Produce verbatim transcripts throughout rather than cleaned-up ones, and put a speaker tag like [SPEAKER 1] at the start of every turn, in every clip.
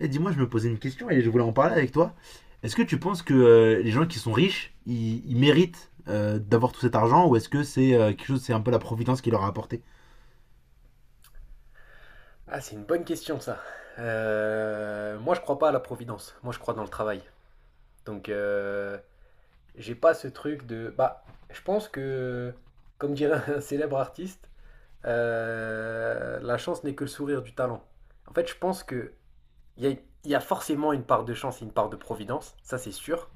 [SPEAKER 1] Et dis-moi, je me posais une question et je voulais en parler avec toi. Est-ce que tu penses que euh, les gens qui sont riches, ils, ils méritent euh, d'avoir tout cet argent, ou est-ce que c'est euh, quelque chose, c'est un peu la providence qui leur a apporté?
[SPEAKER 2] Ah, c'est une bonne question ça. Euh, moi, je crois pas à la providence. Moi, je crois dans le travail. Donc, euh, j'ai pas ce truc de. Bah, je pense que, comme dirait un célèbre artiste, euh, la chance n'est que le sourire du talent. En fait, je pense que il y a, il y a forcément une part de chance et une part de providence. Ça, c'est sûr.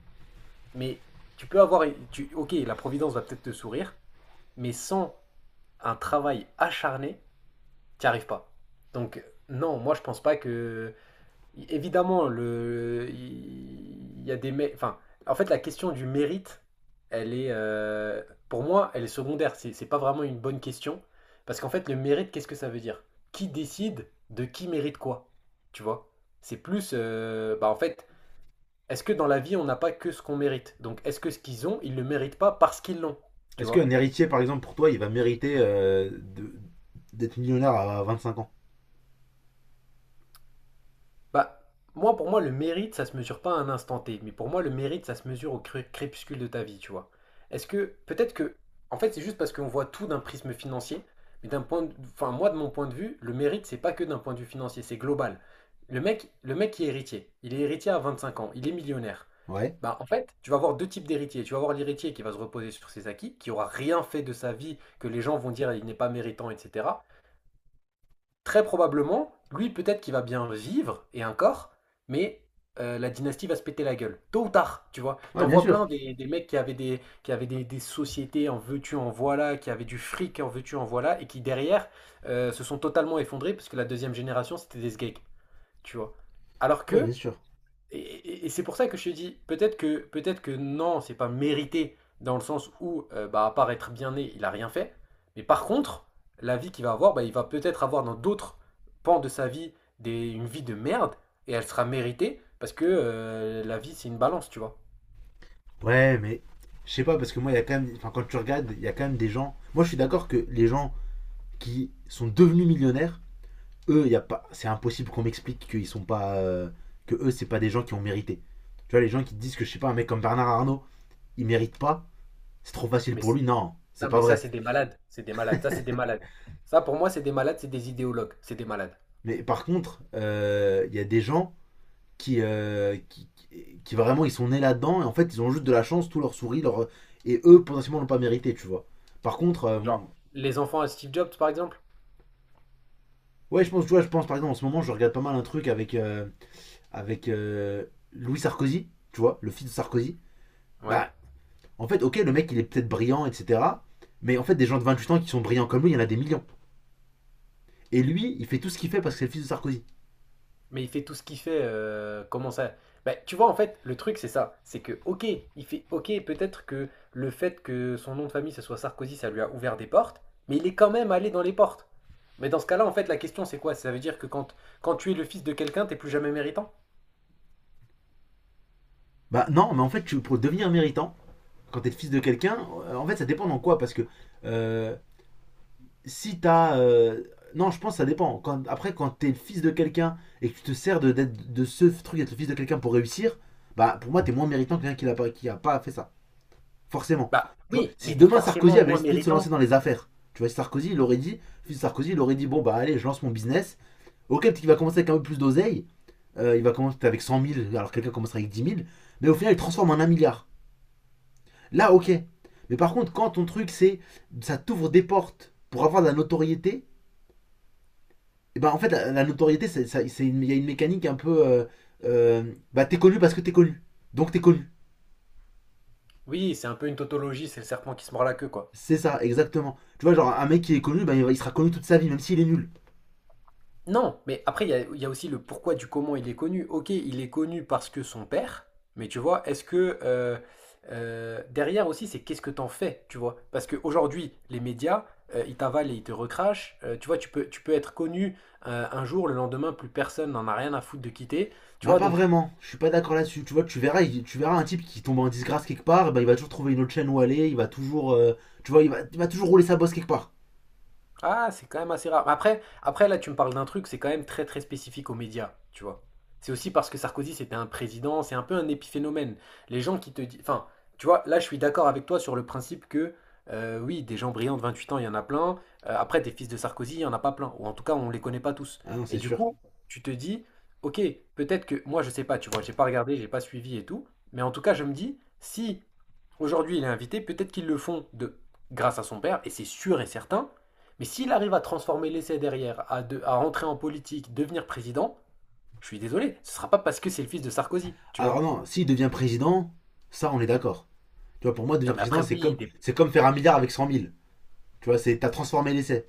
[SPEAKER 2] Mais tu peux avoir. Tu, ok, la providence va peut-être te sourire, mais sans un travail acharné, t'y arrives pas. Donc, non, moi, je pense pas que. É évidemment, le il y a des mé enfin, en fait, la question du mérite, elle est, heu, pour moi, elle est secondaire. C'est c'est pas vraiment une bonne question parce qu'en fait, le mérite, qu'est-ce que ça veut dire? Qui décide de qui mérite quoi? Tu vois? C'est plus, heu, bah, en fait, est-ce que dans la vie, on n'a pas que ce qu'on mérite? Donc est-ce que ce qu'ils ont, ils le méritent pas parce qu'ils l'ont? Tu
[SPEAKER 1] Est-ce qu'un
[SPEAKER 2] vois?
[SPEAKER 1] héritier, par exemple, pour toi, il va mériter euh, de- d'être millionnaire à vingt-cinq ans?
[SPEAKER 2] Bah, moi, pour moi, le mérite, ça se mesure pas à un instant T, mais pour moi, le mérite, ça se mesure au cré- crépuscule de ta vie, tu vois. Est-ce que, peut-être que, en fait, c'est juste parce qu'on voit tout d'un prisme financier, mais d'un point de, enfin, moi, de mon point de vue, le mérite, c'est pas que d'un point de vue financier, c'est global. Le mec, le mec qui est héritier, il est héritier à vingt-cinq ans, il est millionnaire.
[SPEAKER 1] Ouais.
[SPEAKER 2] Bah, en fait, tu vas avoir deux types d'héritiers. Tu vas avoir l'héritier qui va se reposer sur ses acquis, qui aura rien fait de sa vie, que les gens vont dire il n'est pas méritant, etc. Très probablement, lui, peut-être qu'il va bien vivre, et encore, mais euh, la dynastie va se péter la gueule, tôt ou tard, tu vois.
[SPEAKER 1] Ouais,
[SPEAKER 2] T'en
[SPEAKER 1] bien
[SPEAKER 2] vois
[SPEAKER 1] sûr.
[SPEAKER 2] plein des, des mecs qui avaient des, qui avaient des, des sociétés en veux-tu, en voilà, qui avaient du fric en veux-tu, en voilà, et qui derrière euh, se sont totalement effondrés parce que la deuxième génération, c'était des sgeeks, tu vois. Alors
[SPEAKER 1] Ouais, bien
[SPEAKER 2] que
[SPEAKER 1] sûr.
[SPEAKER 2] et, et- et c'est pour ça que je te dis, peut-être que, peut-être que non, c'est pas mérité, dans le sens où, euh, bah, à part être bien né, il a rien fait. Mais par contre, la vie qu'il va avoir, bah, il va peut-être avoir dans d'autres pans de sa vie des, une vie de merde, et elle sera méritée, parce que euh, la vie, c'est une balance, tu vois.
[SPEAKER 1] Ouais, mais je sais pas parce que moi, il y a quand même, enfin, quand tu regardes, il y a quand même des gens. Moi, je suis d'accord que les gens qui sont devenus millionnaires, eux, y a pas, c'est impossible qu'on m'explique qu'ils sont pas, euh, que eux, c'est pas des gens qui ont mérité. Tu vois, les gens qui disent que je sais pas, un mec comme Bernard Arnault, il mérite pas, c'est trop facile
[SPEAKER 2] Mais,
[SPEAKER 1] pour
[SPEAKER 2] c-
[SPEAKER 1] lui. Non, c'est
[SPEAKER 2] non,
[SPEAKER 1] pas
[SPEAKER 2] mais ça,
[SPEAKER 1] vrai.
[SPEAKER 2] c'est des malades. C'est des malades. Ça, c'est des malades. Ça, pour moi, c'est des malades, c'est des idéologues. C'est des malades.
[SPEAKER 1] Mais par contre, il euh, y a des gens qui, euh, qui, qui vraiment, ils sont nés là-dedans et en fait, ils ont juste de la chance, tout leur sourit, leur, et eux potentiellement l'ont pas mérité, tu vois. Par contre, euh,
[SPEAKER 2] Genre, les enfants à Steve Jobs, par exemple.
[SPEAKER 1] ouais, je pense, tu vois, je pense par exemple en ce moment, je regarde pas mal un truc avec euh, avec euh, Louis Sarkozy, tu vois, le fils de Sarkozy.
[SPEAKER 2] Ouais.
[SPEAKER 1] Bah, en fait, ok, le mec, il est peut-être brillant, et cetera. Mais en fait, des gens de vingt-huit ans qui sont brillants comme lui, il y en a des millions. Et lui, il fait tout ce qu'il fait parce que c'est le fils de Sarkozy.
[SPEAKER 2] Mais il fait tout ce qu'il fait. euh, comment ça? Bah, tu vois, en fait, le truc, c'est ça. C'est que, ok, il fait, ok, peut-être que le fait que son nom de famille, ce soit Sarkozy, ça lui a ouvert des portes, mais il est quand même allé dans les portes. Mais dans ce cas-là, en fait, la question, c'est quoi? Ça veut dire que quand, quand tu es le fils de quelqu'un, t'es plus jamais méritant?
[SPEAKER 1] Bah non, mais en fait, pour devenir méritant, quand t'es le fils de quelqu'un, euh, en fait, ça dépend dans quoi. Parce que euh, si t'as. Euh, non, je pense que ça dépend. Quand, après, quand t'es le fils de quelqu'un et que tu te sers de, d'être- de ce truc d'être le fils de quelqu'un pour réussir, bah pour moi, t'es moins méritant que quelqu'un qui, n'a pas- qui a pas fait ça. Forcément.
[SPEAKER 2] Bah
[SPEAKER 1] Tu vois,
[SPEAKER 2] oui,
[SPEAKER 1] si
[SPEAKER 2] mais t'es
[SPEAKER 1] demain Sarkozy
[SPEAKER 2] forcément
[SPEAKER 1] avait
[SPEAKER 2] moins
[SPEAKER 1] décidé de se lancer dans
[SPEAKER 2] méritant.
[SPEAKER 1] les affaires, tu vois, si Sarkozy, il aurait dit, si Sarkozy, il aurait dit, bon, bah allez, je lance mon business. Ok, peut-être qu'il va commencer avec un peu plus d'oseille. Euh, il va commencer avec cent mille, alors quelqu'un commencera avec dix mille. Mais au final, il transforme en un milliard. Là, ok. Mais par contre, quand ton truc, c'est, ça t'ouvre des portes pour avoir de la notoriété, et ben en fait, la, la notoriété, c'est, il y a une mécanique un peu, euh, euh, bah t'es connu parce que t'es connu. Donc t'es connu.
[SPEAKER 2] Oui, c'est un peu une tautologie, c'est le serpent qui se mord la queue, quoi.
[SPEAKER 1] C'est ça, exactement. Tu vois, genre un mec qui est connu, ben, il il sera connu toute sa vie, même s'il est nul.
[SPEAKER 2] Non, mais après, il y a, il y a aussi le pourquoi du comment il est connu. Ok, il est connu parce que son père, mais tu vois, est-ce que euh, euh, derrière aussi, c'est qu'est-ce que t'en fais, tu vois? Parce qu'aujourd'hui, les médias, euh, ils t'avalent et ils te recrachent. Euh, tu vois, tu peux, tu peux être connu euh, un jour, le lendemain, plus personne n'en a rien à foutre de quitter. Tu
[SPEAKER 1] Bah
[SPEAKER 2] vois,
[SPEAKER 1] pas
[SPEAKER 2] donc.
[SPEAKER 1] vraiment, je suis pas d'accord là-dessus. Tu vois, tu verras, tu verras un type qui tombe en disgrâce quelque part, bah, il va toujours trouver une autre chaîne où aller, il va toujours, euh, tu vois, il va, il va toujours rouler sa bosse quelque part.
[SPEAKER 2] Ah, c'est quand même assez rare. Après, après là, tu me parles d'un truc, c'est quand même très très spécifique aux médias, tu vois. C'est aussi parce que Sarkozy, c'était un président, c'est un peu un épiphénomène. Les gens qui te disent. Enfin, tu vois, là, je suis d'accord avec toi sur le principe que, euh, oui, des gens brillants de vingt-huit ans, il y en a plein. Euh, après, des fils de Sarkozy, il n'y en a pas plein. Ou en tout cas, on ne les connaît pas tous.
[SPEAKER 1] Ah non,
[SPEAKER 2] Et
[SPEAKER 1] c'est
[SPEAKER 2] du
[SPEAKER 1] sûr.
[SPEAKER 2] coup, tu te dis, ok, peut-être que. Moi, je sais pas, tu vois, j'ai pas regardé, j'ai pas suivi et tout. Mais en tout cas, je me dis, si aujourd'hui il est invité, peut-être qu'ils le font de grâce à son père, et c'est sûr et certain. Mais s'il arrive à transformer l'essai derrière, à, de- à rentrer en politique, devenir président, je suis désolé, ce ne sera pas parce que c'est le fils de Sarkozy, tu
[SPEAKER 1] Alors
[SPEAKER 2] vois.
[SPEAKER 1] non, s'il devient président, ça on est d'accord. Tu vois, pour moi,
[SPEAKER 2] Non
[SPEAKER 1] devenir
[SPEAKER 2] mais après
[SPEAKER 1] président, c'est
[SPEAKER 2] oui,
[SPEAKER 1] comme,
[SPEAKER 2] des.
[SPEAKER 1] c'est comme faire un milliard avec cent mille. Tu vois, c'est, t'as transformé l'essai.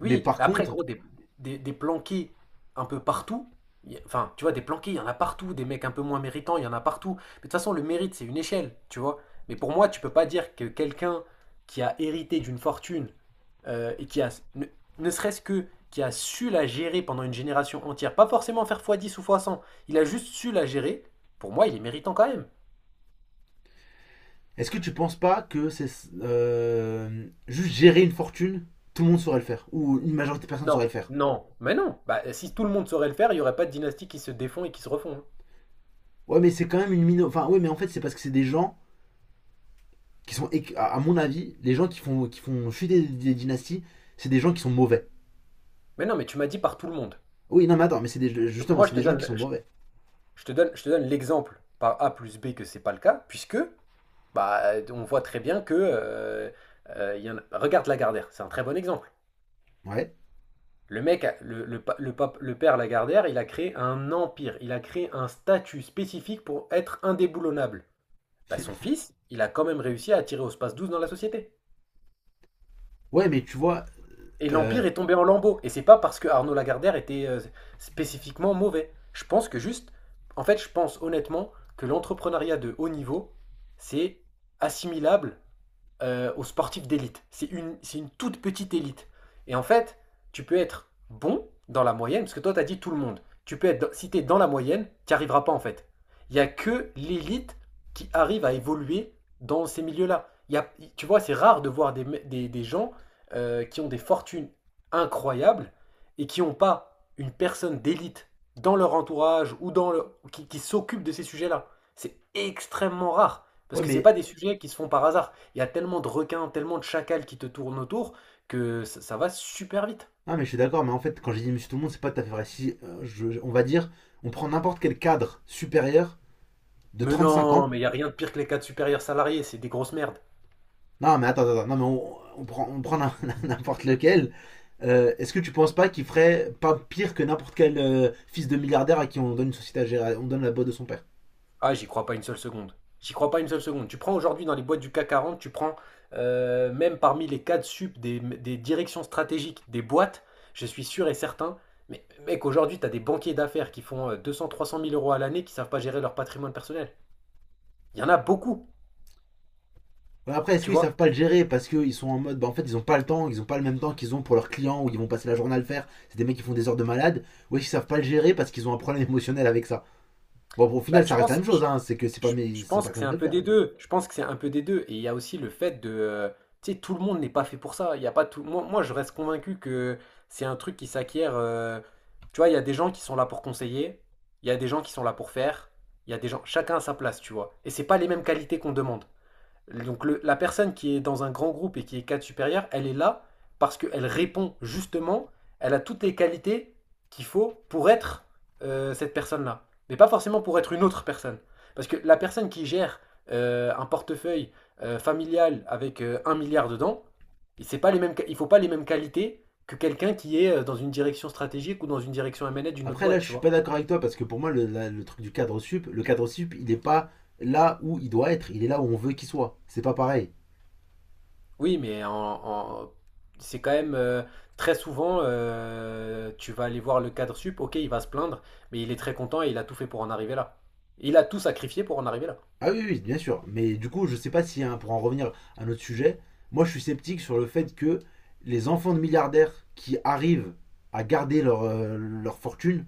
[SPEAKER 1] Mais
[SPEAKER 2] Oui,
[SPEAKER 1] par
[SPEAKER 2] mais après,
[SPEAKER 1] contre,
[SPEAKER 2] gros, des, des, des planqués un peu partout. Y Enfin, tu vois, des planqués, il y en a partout. Des mecs un peu moins méritants, il y en a partout. Mais de toute façon, le mérite, c'est une échelle, tu vois. Mais pour moi, tu peux pas dire que quelqu'un qui a hérité d'une fortune euh, et qui a, ne, ne serait-ce que, qui a su la gérer pendant une génération entière, pas forcément faire fois dix ou fois cent, il a juste su la gérer, pour moi, il est méritant quand même.
[SPEAKER 1] est-ce que tu penses pas que c'est, euh, juste gérer une fortune, tout le monde saurait le faire, ou une majorité de personnes saurait
[SPEAKER 2] Non,
[SPEAKER 1] le faire?
[SPEAKER 2] non, mais non. Bah, si tout le monde saurait le faire, il y aurait pas de dynastie qui se défont et qui se refont, hein.
[SPEAKER 1] Ouais, mais c'est quand même une mino... Enfin, ouais, mais en fait, c'est parce que c'est des gens qui sont, à mon avis, les gens qui font, qui font chuter des, des dynasties, c'est des gens qui sont mauvais.
[SPEAKER 2] Mais non, mais tu m'as dit par tout le monde.
[SPEAKER 1] Oui, non, mais attends, mais c'est des,
[SPEAKER 2] Donc
[SPEAKER 1] justement,
[SPEAKER 2] moi, je
[SPEAKER 1] c'est
[SPEAKER 2] te
[SPEAKER 1] des gens qui
[SPEAKER 2] donne,
[SPEAKER 1] sont
[SPEAKER 2] je,
[SPEAKER 1] mauvais.
[SPEAKER 2] je te donne, je te donne l'exemple par A plus B que c'est pas le cas, puisque bah, on voit très bien que euh, euh, il y en a- regarde Lagardère, c'est un très bon exemple.
[SPEAKER 1] Ouais.
[SPEAKER 2] Le mec, a- le, le, pa- le pape- le père Lagardère, il a créé un empire, il a créé un statut spécifique pour être indéboulonnable. Bah, son fils, il a quand même réussi à attirer au space douze dans la société.
[SPEAKER 1] Ouais, mais tu vois,
[SPEAKER 2] Et
[SPEAKER 1] euh,
[SPEAKER 2] l'Empire est tombé en lambeaux. Et c'est pas parce que Arnaud Lagardère était euh, spécifiquement mauvais. Je pense que juste, en fait, je pense honnêtement que l'entrepreneuriat de haut niveau, c'est assimilable euh, aux sportifs d'élite. C'est une, c'est une toute petite élite. Et en fait, tu peux être bon dans la moyenne, parce que toi, tu as dit tout le monde. Tu peux être, dans- si tu es dans la moyenne, tu n'y arriveras pas en fait. Il n'y a que l'élite qui arrive à évoluer dans ces milieux-là. Il y a- tu vois, c'est rare de voir des, des- des gens euh, qui ont des fortunes incroyables et qui n'ont pas une personne d'élite dans leur entourage ou dans le, qui, qui s'occupe de ces sujets-là. C'est extrêmement rare, parce
[SPEAKER 1] ouais,
[SPEAKER 2] que ce n'est
[SPEAKER 1] mais,
[SPEAKER 2] pas des sujets qui se font par hasard. Il y a tellement de requins, tellement de chacals qui te tournent autour que ça, ça va super vite.
[SPEAKER 1] non, mais je suis d'accord, mais en fait, quand j'ai dit Monsieur Tout le Monde, c'est pas tout à fait vrai. Si, euh, je- on va dire, on prend n'importe quel cadre supérieur de
[SPEAKER 2] Mais
[SPEAKER 1] trente cinq
[SPEAKER 2] non,
[SPEAKER 1] ans.
[SPEAKER 2] mais il n'y a rien de pire que les cadres supérieurs salariés, c'est des grosses merdes.
[SPEAKER 1] Non, mais attends, attends, non, mais on, on prend, on prend n'importe lequel. Euh, Est-ce que tu penses pas qu'il ferait pas pire que n'importe quel euh, fils de milliardaire à qui on donne une société à gérer, on donne la boîte de son père?
[SPEAKER 2] Ah, j'y crois pas une seule seconde. J'y crois pas une seule seconde. Tu prends aujourd'hui dans les boîtes du CAC quarante, tu prends euh, même parmi les cadres sup des, des directions stratégiques des boîtes, je suis sûr et certain. Mais mec, aujourd'hui, tu as des banquiers d'affaires qui font euh, deux cents, trois cent mille euros à l'année qui savent pas gérer leur patrimoine personnel. Il y en a beaucoup,
[SPEAKER 1] Bah, après, est-ce
[SPEAKER 2] tu
[SPEAKER 1] qu'ils
[SPEAKER 2] vois.
[SPEAKER 1] savent pas le gérer parce qu'ils sont en mode, bah en fait, ils ont pas le temps, ils ont pas le même temps qu'ils ont pour leurs clients où ils vont passer la journée à le faire. C'est des mecs qui font des heures de malade. Ou est-ce qu'ils savent pas le gérer parce qu'ils ont un problème émotionnel avec ça. Bon, au
[SPEAKER 2] Bah,
[SPEAKER 1] final,
[SPEAKER 2] je
[SPEAKER 1] ça reste la
[SPEAKER 2] pense.
[SPEAKER 1] même chose, hein. C'est que c'est pas,
[SPEAKER 2] Je
[SPEAKER 1] mais ils
[SPEAKER 2] je
[SPEAKER 1] sont pas
[SPEAKER 2] pense que c'est
[SPEAKER 1] capables
[SPEAKER 2] un
[SPEAKER 1] de le
[SPEAKER 2] peu
[SPEAKER 1] faire.
[SPEAKER 2] des
[SPEAKER 1] Mais
[SPEAKER 2] deux. Je pense que c'est un peu des deux. Et il y a aussi le fait de, euh, tu sais, tout le monde n'est pas fait pour ça. Il y a pas tout. Moi, moi, je reste convaincu que c'est un truc qui s'acquiert. euh, Tu vois, il y a des gens qui sont là pour conseiller. Il y a des gens qui sont là pour faire. Il y a des gens. Chacun à sa place, tu vois. Et c'est pas les mêmes qualités qu'on demande. Donc le- la personne qui est dans un grand groupe et qui est cadre supérieur, elle est là parce qu'elle répond justement, elle a toutes les qualités qu'il faut pour être euh, cette personne-là. Mais pas forcément pour être une autre personne. Parce que la personne qui gère euh, un portefeuille euh, familial avec euh, un milliard dedans, et c'est pas les mêmes, il ne faut pas les mêmes qualités que quelqu'un qui est euh, dans une direction stratégique ou dans une direction M A d'une autre
[SPEAKER 1] après, là,
[SPEAKER 2] boîte,
[SPEAKER 1] je
[SPEAKER 2] tu
[SPEAKER 1] suis
[SPEAKER 2] vois.
[SPEAKER 1] pas d'accord avec toi parce que pour moi, le, la- le truc du cadre sup, le cadre sup, il est pas là où il doit être. Il est là où on veut qu'il soit. C'est pas pareil.
[SPEAKER 2] Oui, mais en, en- c'est quand même euh, très souvent, euh, tu vas aller voir le cadre sup, ok, il va se plaindre, mais il est très content et il a tout fait pour en arriver là. Il a tout sacrifié pour en arriver là.
[SPEAKER 1] Ah oui, oui, bien sûr. Mais du coup, je sais pas si, hein, pour en revenir à notre sujet, moi je suis sceptique sur le fait que les enfants de milliardaires qui arrivent à garder leur, euh, leur fortune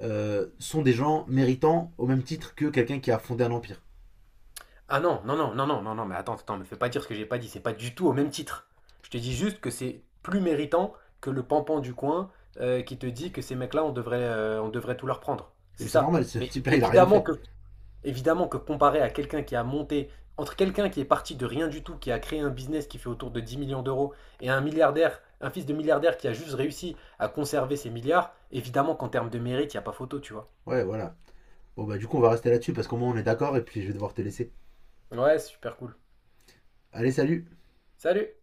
[SPEAKER 1] euh, sont des gens méritants au même titre que quelqu'un qui a fondé un empire.
[SPEAKER 2] Ah non, non, non, non, non, non, non, mais attends, attends, me fais pas dire ce que j'ai pas dit, c'est pas du tout au même titre. Je te dis juste que c'est plus méritant que le pampan du coin euh, qui te dit que ces mecs-là, on devrait, euh, on devrait tout leur prendre.
[SPEAKER 1] Et
[SPEAKER 2] C'est
[SPEAKER 1] puis c'est
[SPEAKER 2] ça.
[SPEAKER 1] normal, ce
[SPEAKER 2] Mais
[SPEAKER 1] type-là, il a rien
[SPEAKER 2] évidemment
[SPEAKER 1] fait.
[SPEAKER 2] que, évidemment que comparé à quelqu'un qui a monté, entre quelqu'un qui est parti de rien du tout, qui a créé un business qui fait autour de dix millions d'euros, et un milliardaire, un fils de milliardaire qui a juste réussi à conserver ses milliards, évidemment qu'en termes de mérite, il n'y a pas photo, tu vois.
[SPEAKER 1] Ouais, voilà. Bon, bah du coup, on va rester là-dessus parce qu'au moins on est d'accord et puis je vais devoir te laisser.
[SPEAKER 2] Ouais, super cool.
[SPEAKER 1] Allez, salut.
[SPEAKER 2] Salut!